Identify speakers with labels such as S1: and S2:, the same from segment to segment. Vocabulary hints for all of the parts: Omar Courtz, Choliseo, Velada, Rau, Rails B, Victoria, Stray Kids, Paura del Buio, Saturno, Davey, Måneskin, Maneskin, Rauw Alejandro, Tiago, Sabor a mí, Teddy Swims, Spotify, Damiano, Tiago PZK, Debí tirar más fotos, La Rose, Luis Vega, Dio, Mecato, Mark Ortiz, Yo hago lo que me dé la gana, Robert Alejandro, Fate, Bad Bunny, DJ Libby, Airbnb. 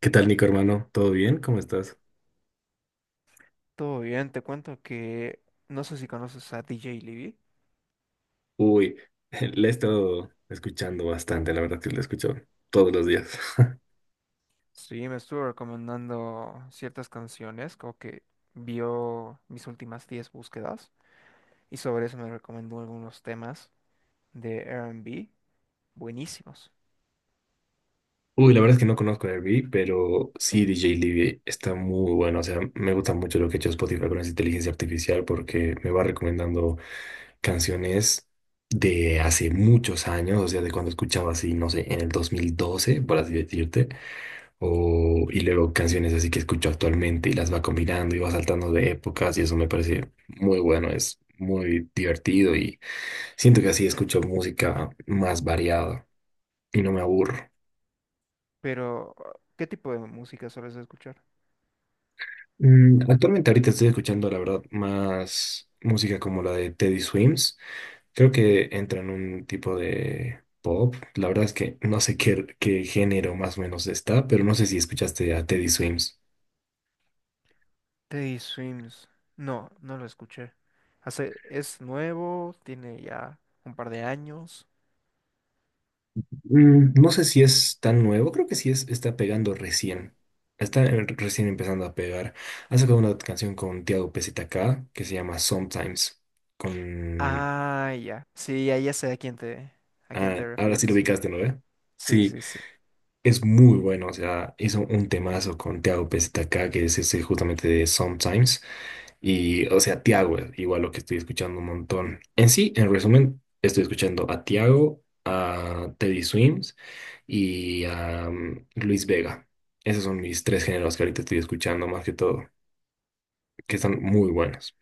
S1: ¿Qué tal, Nico, hermano? ¿Todo bien? ¿Cómo estás?
S2: Todo bien, te cuento que no sé si conoces a DJ Libby.
S1: Uy, la he estado escuchando bastante, la verdad que la escucho todos los días.
S2: Sí, me estuvo recomendando ciertas canciones, como que vio mis últimas 10 búsquedas y sobre eso me recomendó algunos temas de R&B buenísimos.
S1: Uy, la verdad es que no conozco Airbnb, pero sí, DJ Libby está muy bueno. O sea, me gusta mucho lo que ha hecho Spotify con esa inteligencia artificial porque me va recomendando canciones de hace muchos años, o sea, de cuando escuchaba así, no sé, en el 2012, por así decirte, o, y luego canciones así que escucho actualmente y las va combinando y va saltando de épocas y eso me parece muy bueno, es muy divertido y siento que así escucho música más variada y no me aburro.
S2: Pero, ¿qué tipo de música sueles escuchar?
S1: Actualmente ahorita estoy escuchando, la verdad, más música como la de Teddy Swims. Creo que entra en un tipo de pop. La verdad es que no sé qué género más o menos está, pero no sé si escuchaste a Teddy Swims.
S2: Teddy Swims. No, no lo escuché. Hace, es nuevo, tiene ya un par de años.
S1: Mm, no sé si es tan nuevo, creo que sí es, está pegando recién. Está recién empezando a pegar. Ha sacado una canción con Tiago PZK que se llama Sometimes. Con...
S2: Ah, ya. Sí, ya, ya sé a quién te
S1: Ah, ahora sí lo
S2: refieres.
S1: ubicaste, ¿no? ¿Ve?
S2: Sí,
S1: Sí.
S2: sí, sí.
S1: Es muy bueno, o sea, hizo un temazo con Tiago acá que es ese justamente de Sometimes. Y, o sea, Tiago es igual lo que estoy escuchando un montón. En sí, en resumen, estoy escuchando a Tiago, a Teddy Swims y a Luis Vega. Esos son mis tres géneros que ahorita estoy escuchando más que todo, que están muy buenos.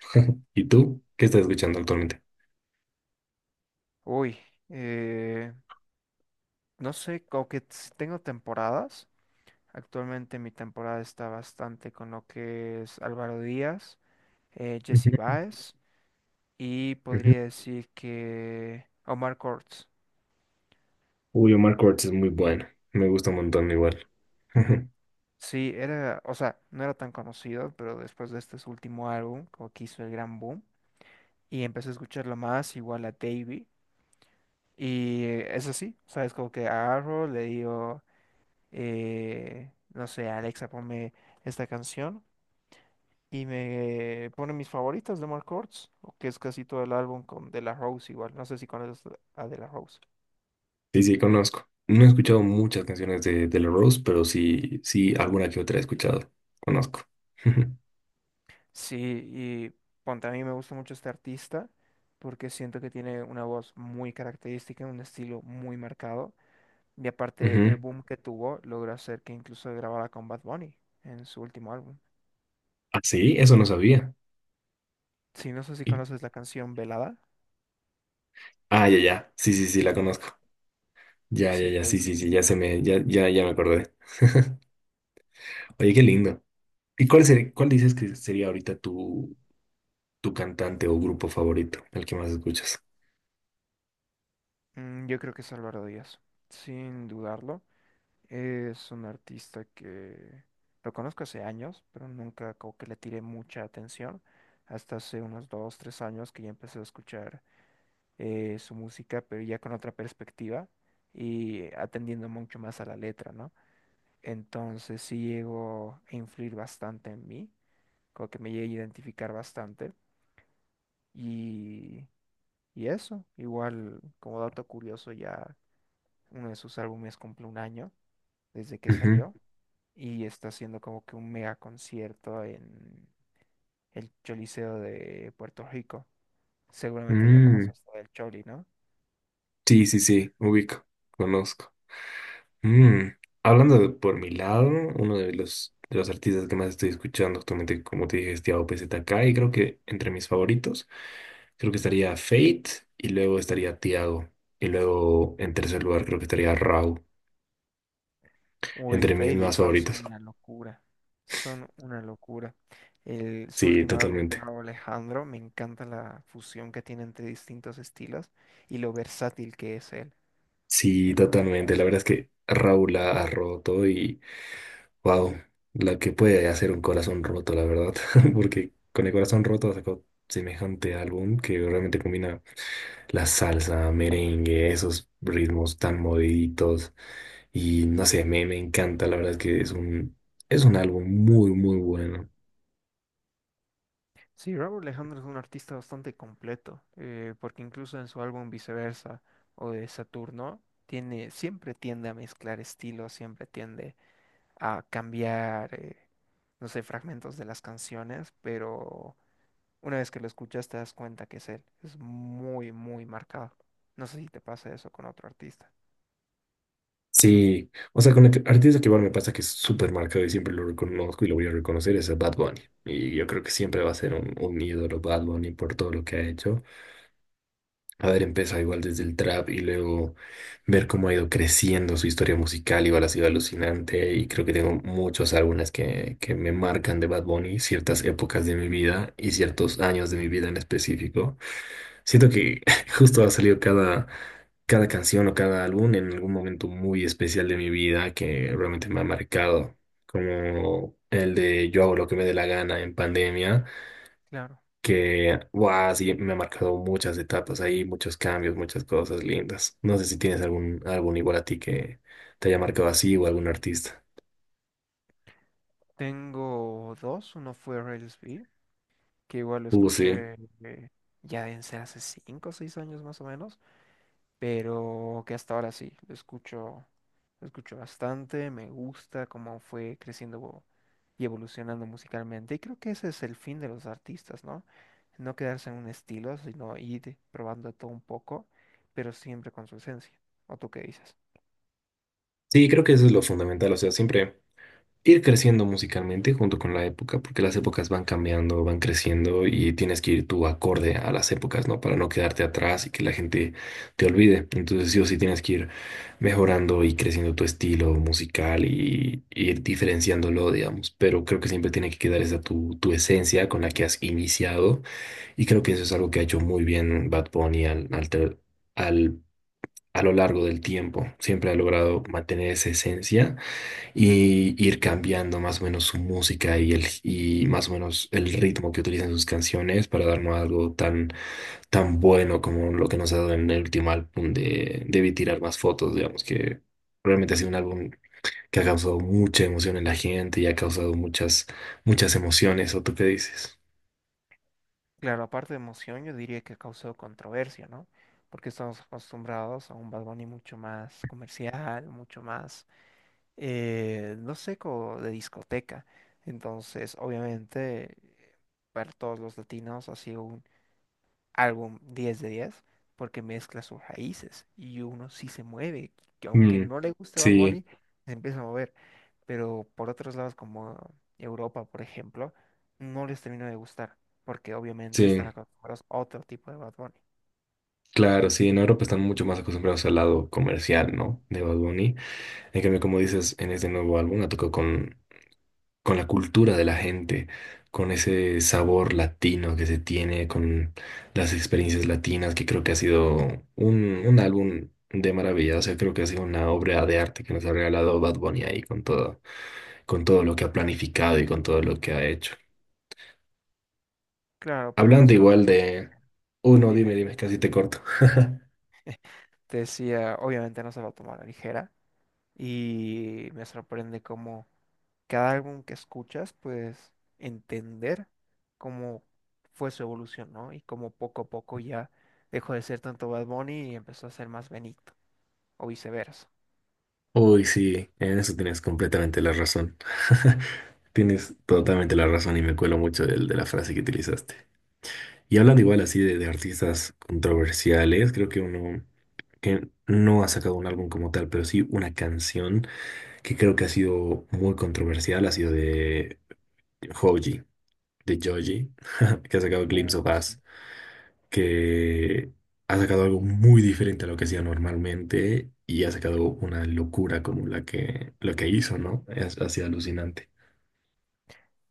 S1: ¿Y tú? ¿Qué estás escuchando actualmente?
S2: Uy, eh, no sé, como que tengo temporadas. Actualmente mi temporada está bastante con lo que es Álvaro Díaz, Jesse
S1: Ujú,
S2: Baez y
S1: ujú.
S2: podría decir que Omar Courtz.
S1: Uy, Omar Courtz es muy bueno. Me gusta un montón igual.
S2: Sí, era, o sea, no era tan conocido, pero después de este su último álbum, como que hizo el gran boom, y empecé a escucharlo más, igual a Davey. Y es así, ¿sabes? Como que agarro, le digo, no sé, Alexa, ponme esta canción. Y me pone mis favoritas de Mark Ortiz, que es casi todo el álbum con De La Rose igual. No sé si conoces a De La Rose.
S1: Sí, sí, conozco. No he escuchado muchas canciones de La Rose, pero sí, sí, alguna que otra he escuchado. Conozco.
S2: Sí, y ponte, a mí me gusta mucho este artista porque siento que tiene una voz muy característica, un estilo muy marcado. Y aparte, el
S1: Ujú.
S2: boom que tuvo logró hacer que incluso grabara con Bad Bunny en su último álbum.
S1: Ah, sí, eso no sabía.
S2: Sí, no sé si
S1: Y-
S2: conoces la canción Velada.
S1: ah, ya, ya. Sí, sí, sí, la conozco. Ya, ya,
S2: Sí,
S1: ya,
S2: ahí
S1: sí,
S2: está.
S1: sí, sí, ya se me, ya, ya, ya me acordé. Oye, qué lindo. ¿Y cuál ser- cuál dices que sería ahorita tu, tu cantante o grupo favorito, el que más escuchas?
S2: Mm, yo creo que es Álvaro Díaz, sin dudarlo. Es un artista que lo conozco hace años, pero nunca como que le tiré mucha atención. Hasta hace unos 2, 3 años que ya empecé a escuchar su música, pero ya con otra perspectiva y atendiendo mucho más a la letra, ¿no? Entonces sí llegó a influir bastante en mí, como que me llegué a identificar bastante. Y, y eso, igual como dato curioso, ya uno de sus álbumes cumple un año desde que
S1: Ujú.
S2: salió. Y está haciendo como que un mega concierto en el Choliseo de Puerto Rico. Seguramente ya
S1: Mm.
S2: conoces todo el Choli, ¿no?
S1: Sí, sí, sí, ubico, conozco. Mm. Hablando de- por mi lado, uno de los artistas que más estoy escuchando actualmente, como te dije, es Tiago PZK, y creo que entre mis favoritos, creo que estaría Fate, y luego estaría Tiago, y luego en tercer lugar creo que estaría Rau,
S2: Uy,
S1: entre mis
S2: Fade y
S1: más
S2: House son
S1: favoritos.
S2: una locura. Son una locura. El, su
S1: Sí,
S2: último álbum de
S1: totalmente.
S2: Rauw Alejandro, me encanta la fusión que tiene entre distintos estilos y lo versátil que es él.
S1: Sí, totalmente. La verdad es que Raúl la ha roto y wow, la que puede hacer un corazón roto, la verdad, porque con el corazón roto sacó semejante álbum que realmente combina la salsa, merengue, esos ritmos tan moviditos. Y no sé, me encanta, la verdad es que es es un álbum muy, muy bueno.
S2: Sí, Robert Alejandro es un artista bastante completo, porque incluso en su álbum Viceversa o de Saturno, tiene, siempre tiende a mezclar estilos, siempre tiende a cambiar, no sé, fragmentos de las canciones, pero una vez que lo escuchas te das cuenta que es él, es muy, muy marcado. No sé si te pasa eso con otro artista.
S1: Sí, o sea, con el que- artista que igual me pasa que es súper marcado y siempre lo reconozco y lo voy a reconocer es a Bad Bunny. Y yo creo que siempre va a ser un ídolo Bad Bunny por todo lo que ha hecho. Haber empezado igual desde el trap y luego ver cómo ha ido creciendo su historia musical, igual ha sido alucinante y creo que tengo muchos álbumes que me marcan de Bad Bunny, ciertas épocas de mi vida y ciertos años de mi vida en específico. Siento que justo ha salido cada, cada canción o cada álbum en algún momento muy especial de mi vida que realmente me ha marcado, como el de Yo hago lo que me dé la gana en pandemia
S2: Claro,
S1: que, wow, sí, me ha marcado muchas etapas ahí, muchos cambios, muchas cosas lindas. No sé si tienes algún álbum igual a ti que te haya marcado así o algún artista.
S2: tengo dos, uno fue Rails B, que igual lo
S1: Sí.
S2: escuché eh, ya en hace 5 o 6 años más o menos, pero que hasta ahora sí, lo escucho bastante, me gusta cómo fue creciendo y evolucionando musicalmente. Y creo que ese es el fin de los artistas, ¿no? No quedarse en un estilo, sino ir probando todo un poco, pero siempre con su esencia. ¿O tú qué dices?
S1: Sí, creo que eso es lo fundamental, o sea, siempre. Ir creciendo musicalmente junto con la época, porque las épocas van cambiando, van creciendo y tienes que ir tú acorde a las épocas, ¿no? Para no quedarte atrás y que la gente te olvide. Entonces sí o sí tienes que ir mejorando y creciendo tu estilo musical y ir diferenciándolo, digamos. Pero creo que siempre tiene que quedar esa tu esencia con la que has iniciado y creo que eso es algo que ha hecho muy bien Bad Bunny al- a lo largo del tiempo. Siempre ha logrado mantener esa esencia y ir cambiando más o menos su música y más o menos el ritmo que utilizan sus canciones para darnos algo tan, tan bueno como lo que nos ha dado en el último álbum de Debí tirar más fotos, digamos que realmente ha sido un álbum que ha causado mucha emoción en la gente y ha causado muchas, muchas emociones, ¿o tú qué dices?
S2: Claro, aparte de emoción, yo diría que causó controversia, ¿no? Porque estamos acostumbrados a un Bad Bunny mucho más comercial, mucho más no sé, como de discoteca. Entonces, obviamente, para todos los latinos ha sido un álbum 10 de 10 porque mezcla sus raíces y uno sí se mueve, que aunque
S1: Mm,
S2: no le guste Bad
S1: sí,
S2: Bunny, se empieza a mover. Pero por otros lados, como Europa, por ejemplo, no les termina de gustar porque obviamente
S1: sí.
S2: están acostumbrados a otro tipo de Bad Bunny.
S1: Claro, sí, en Europa están mucho más acostumbrados al lado comercial, ¿no? De Bad Bunny. En cambio, como dices, en este nuevo álbum ha tocado con la cultura de la gente, con ese sabor latino que se tiene, con las experiencias latinas, que creo que ha sido un álbum de maravilla. O sea, creo que ha sido una obra de arte que nos ha regalado Bad Bunny ahí con todo lo que ha planificado y con todo lo que ha hecho.
S2: Claro, porque no
S1: Hablando
S2: se lo
S1: igual
S2: toman.
S1: de... Uy, no, dime,
S2: Dime,
S1: dime, casi te corto.
S2: te decía, obviamente no se lo toman a la ligera y me sorprende cómo cada álbum que escuchas, pues entender cómo fue su evolución, ¿no? Y cómo poco a poco ya dejó de ser tanto Bad Bunny y empezó a ser más Benito, o viceversa.
S1: Uy, sí, en eso tienes completamente la razón. Tienes totalmente la razón y me cuelo mucho del- de la frase que utilizaste. Y hablando igual así de artistas controversiales, creo que uno que no ha sacado un álbum como tal, pero sí una canción que creo que ha sido muy controversial, ha sido Joji, de Joji, que ha sacado Glimpse
S2: Uy,
S1: of Us,
S2: sí.
S1: que ha sacado algo muy diferente a lo que hacía normalmente y ha sacado una locura como la que, lo que hizo, ¿no? Es, ha sido alucinante.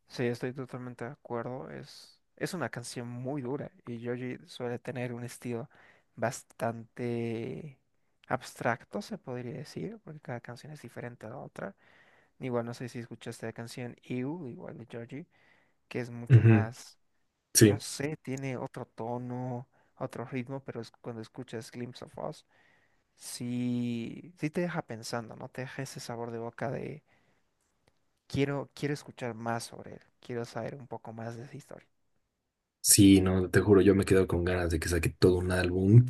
S2: Sí, estoy totalmente de acuerdo. Es una canción muy dura y Joji suele tener un estilo bastante abstracto, se podría decir, porque cada canción es diferente a la otra. Igual no sé si escuchaste la canción You, igual de Joji, que es mucho
S1: Ujú.
S2: más, no
S1: Sí.
S2: sé, tiene otro tono, otro ritmo, pero es cuando escuchas Glimpse of Us, sí, sí te deja pensando, ¿no? Te deja ese sabor de boca de quiero, quiero escuchar más sobre él, quiero saber un poco más de esa historia.
S1: Sí, no, te juro, yo me quedo con ganas de que saque todo un álbum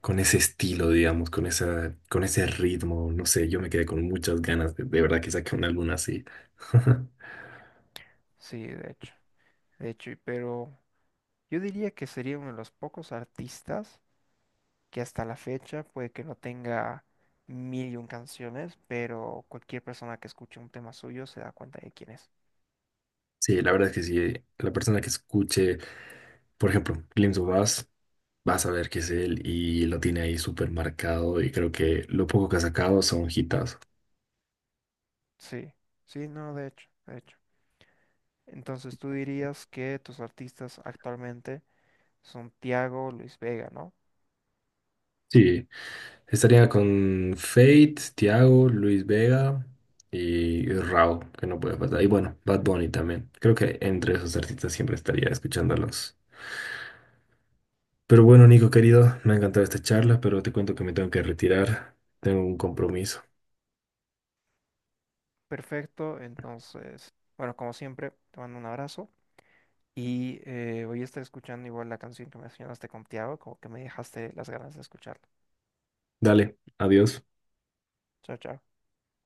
S1: con ese estilo, digamos, con esa, con ese ritmo, no sé, yo me quedé con muchas ganas de verdad que saque un álbum así.
S2: Sí, de hecho, y pero yo diría que sería uno de los pocos artistas que hasta la fecha puede que no tenga mil y un canciones, pero cualquier persona que escuche un tema suyo se da cuenta de quién es.
S1: Sí, la verdad es que sí, la persona que escuche, por ejemplo, Glimpse of Us, va a saber que es él y lo tiene ahí súper marcado y creo que lo poco que ha sacado son hitas.
S2: Sí, sí, no, de hecho, de hecho. Entonces tú dirías que tus artistas actualmente son Tiago, Luis Vega, ¿no?
S1: Sí. Estaría con Fate, Tiago, Luis Vega y Rao, que no puede faltar. Y bueno, Bad Bunny también. Creo que entre esos artistas siempre estaría escuchándolos. Pero bueno, Nico querido, me ha encantado esta charla, pero te cuento que me tengo que retirar. Tengo un compromiso.
S2: Perfecto, entonces, bueno, como siempre, te mando un abrazo y voy a estar escuchando igual la canción que mencionaste con Tiago, como que me dejaste las ganas de escucharla.
S1: Dale, adiós.
S2: Chao, chao.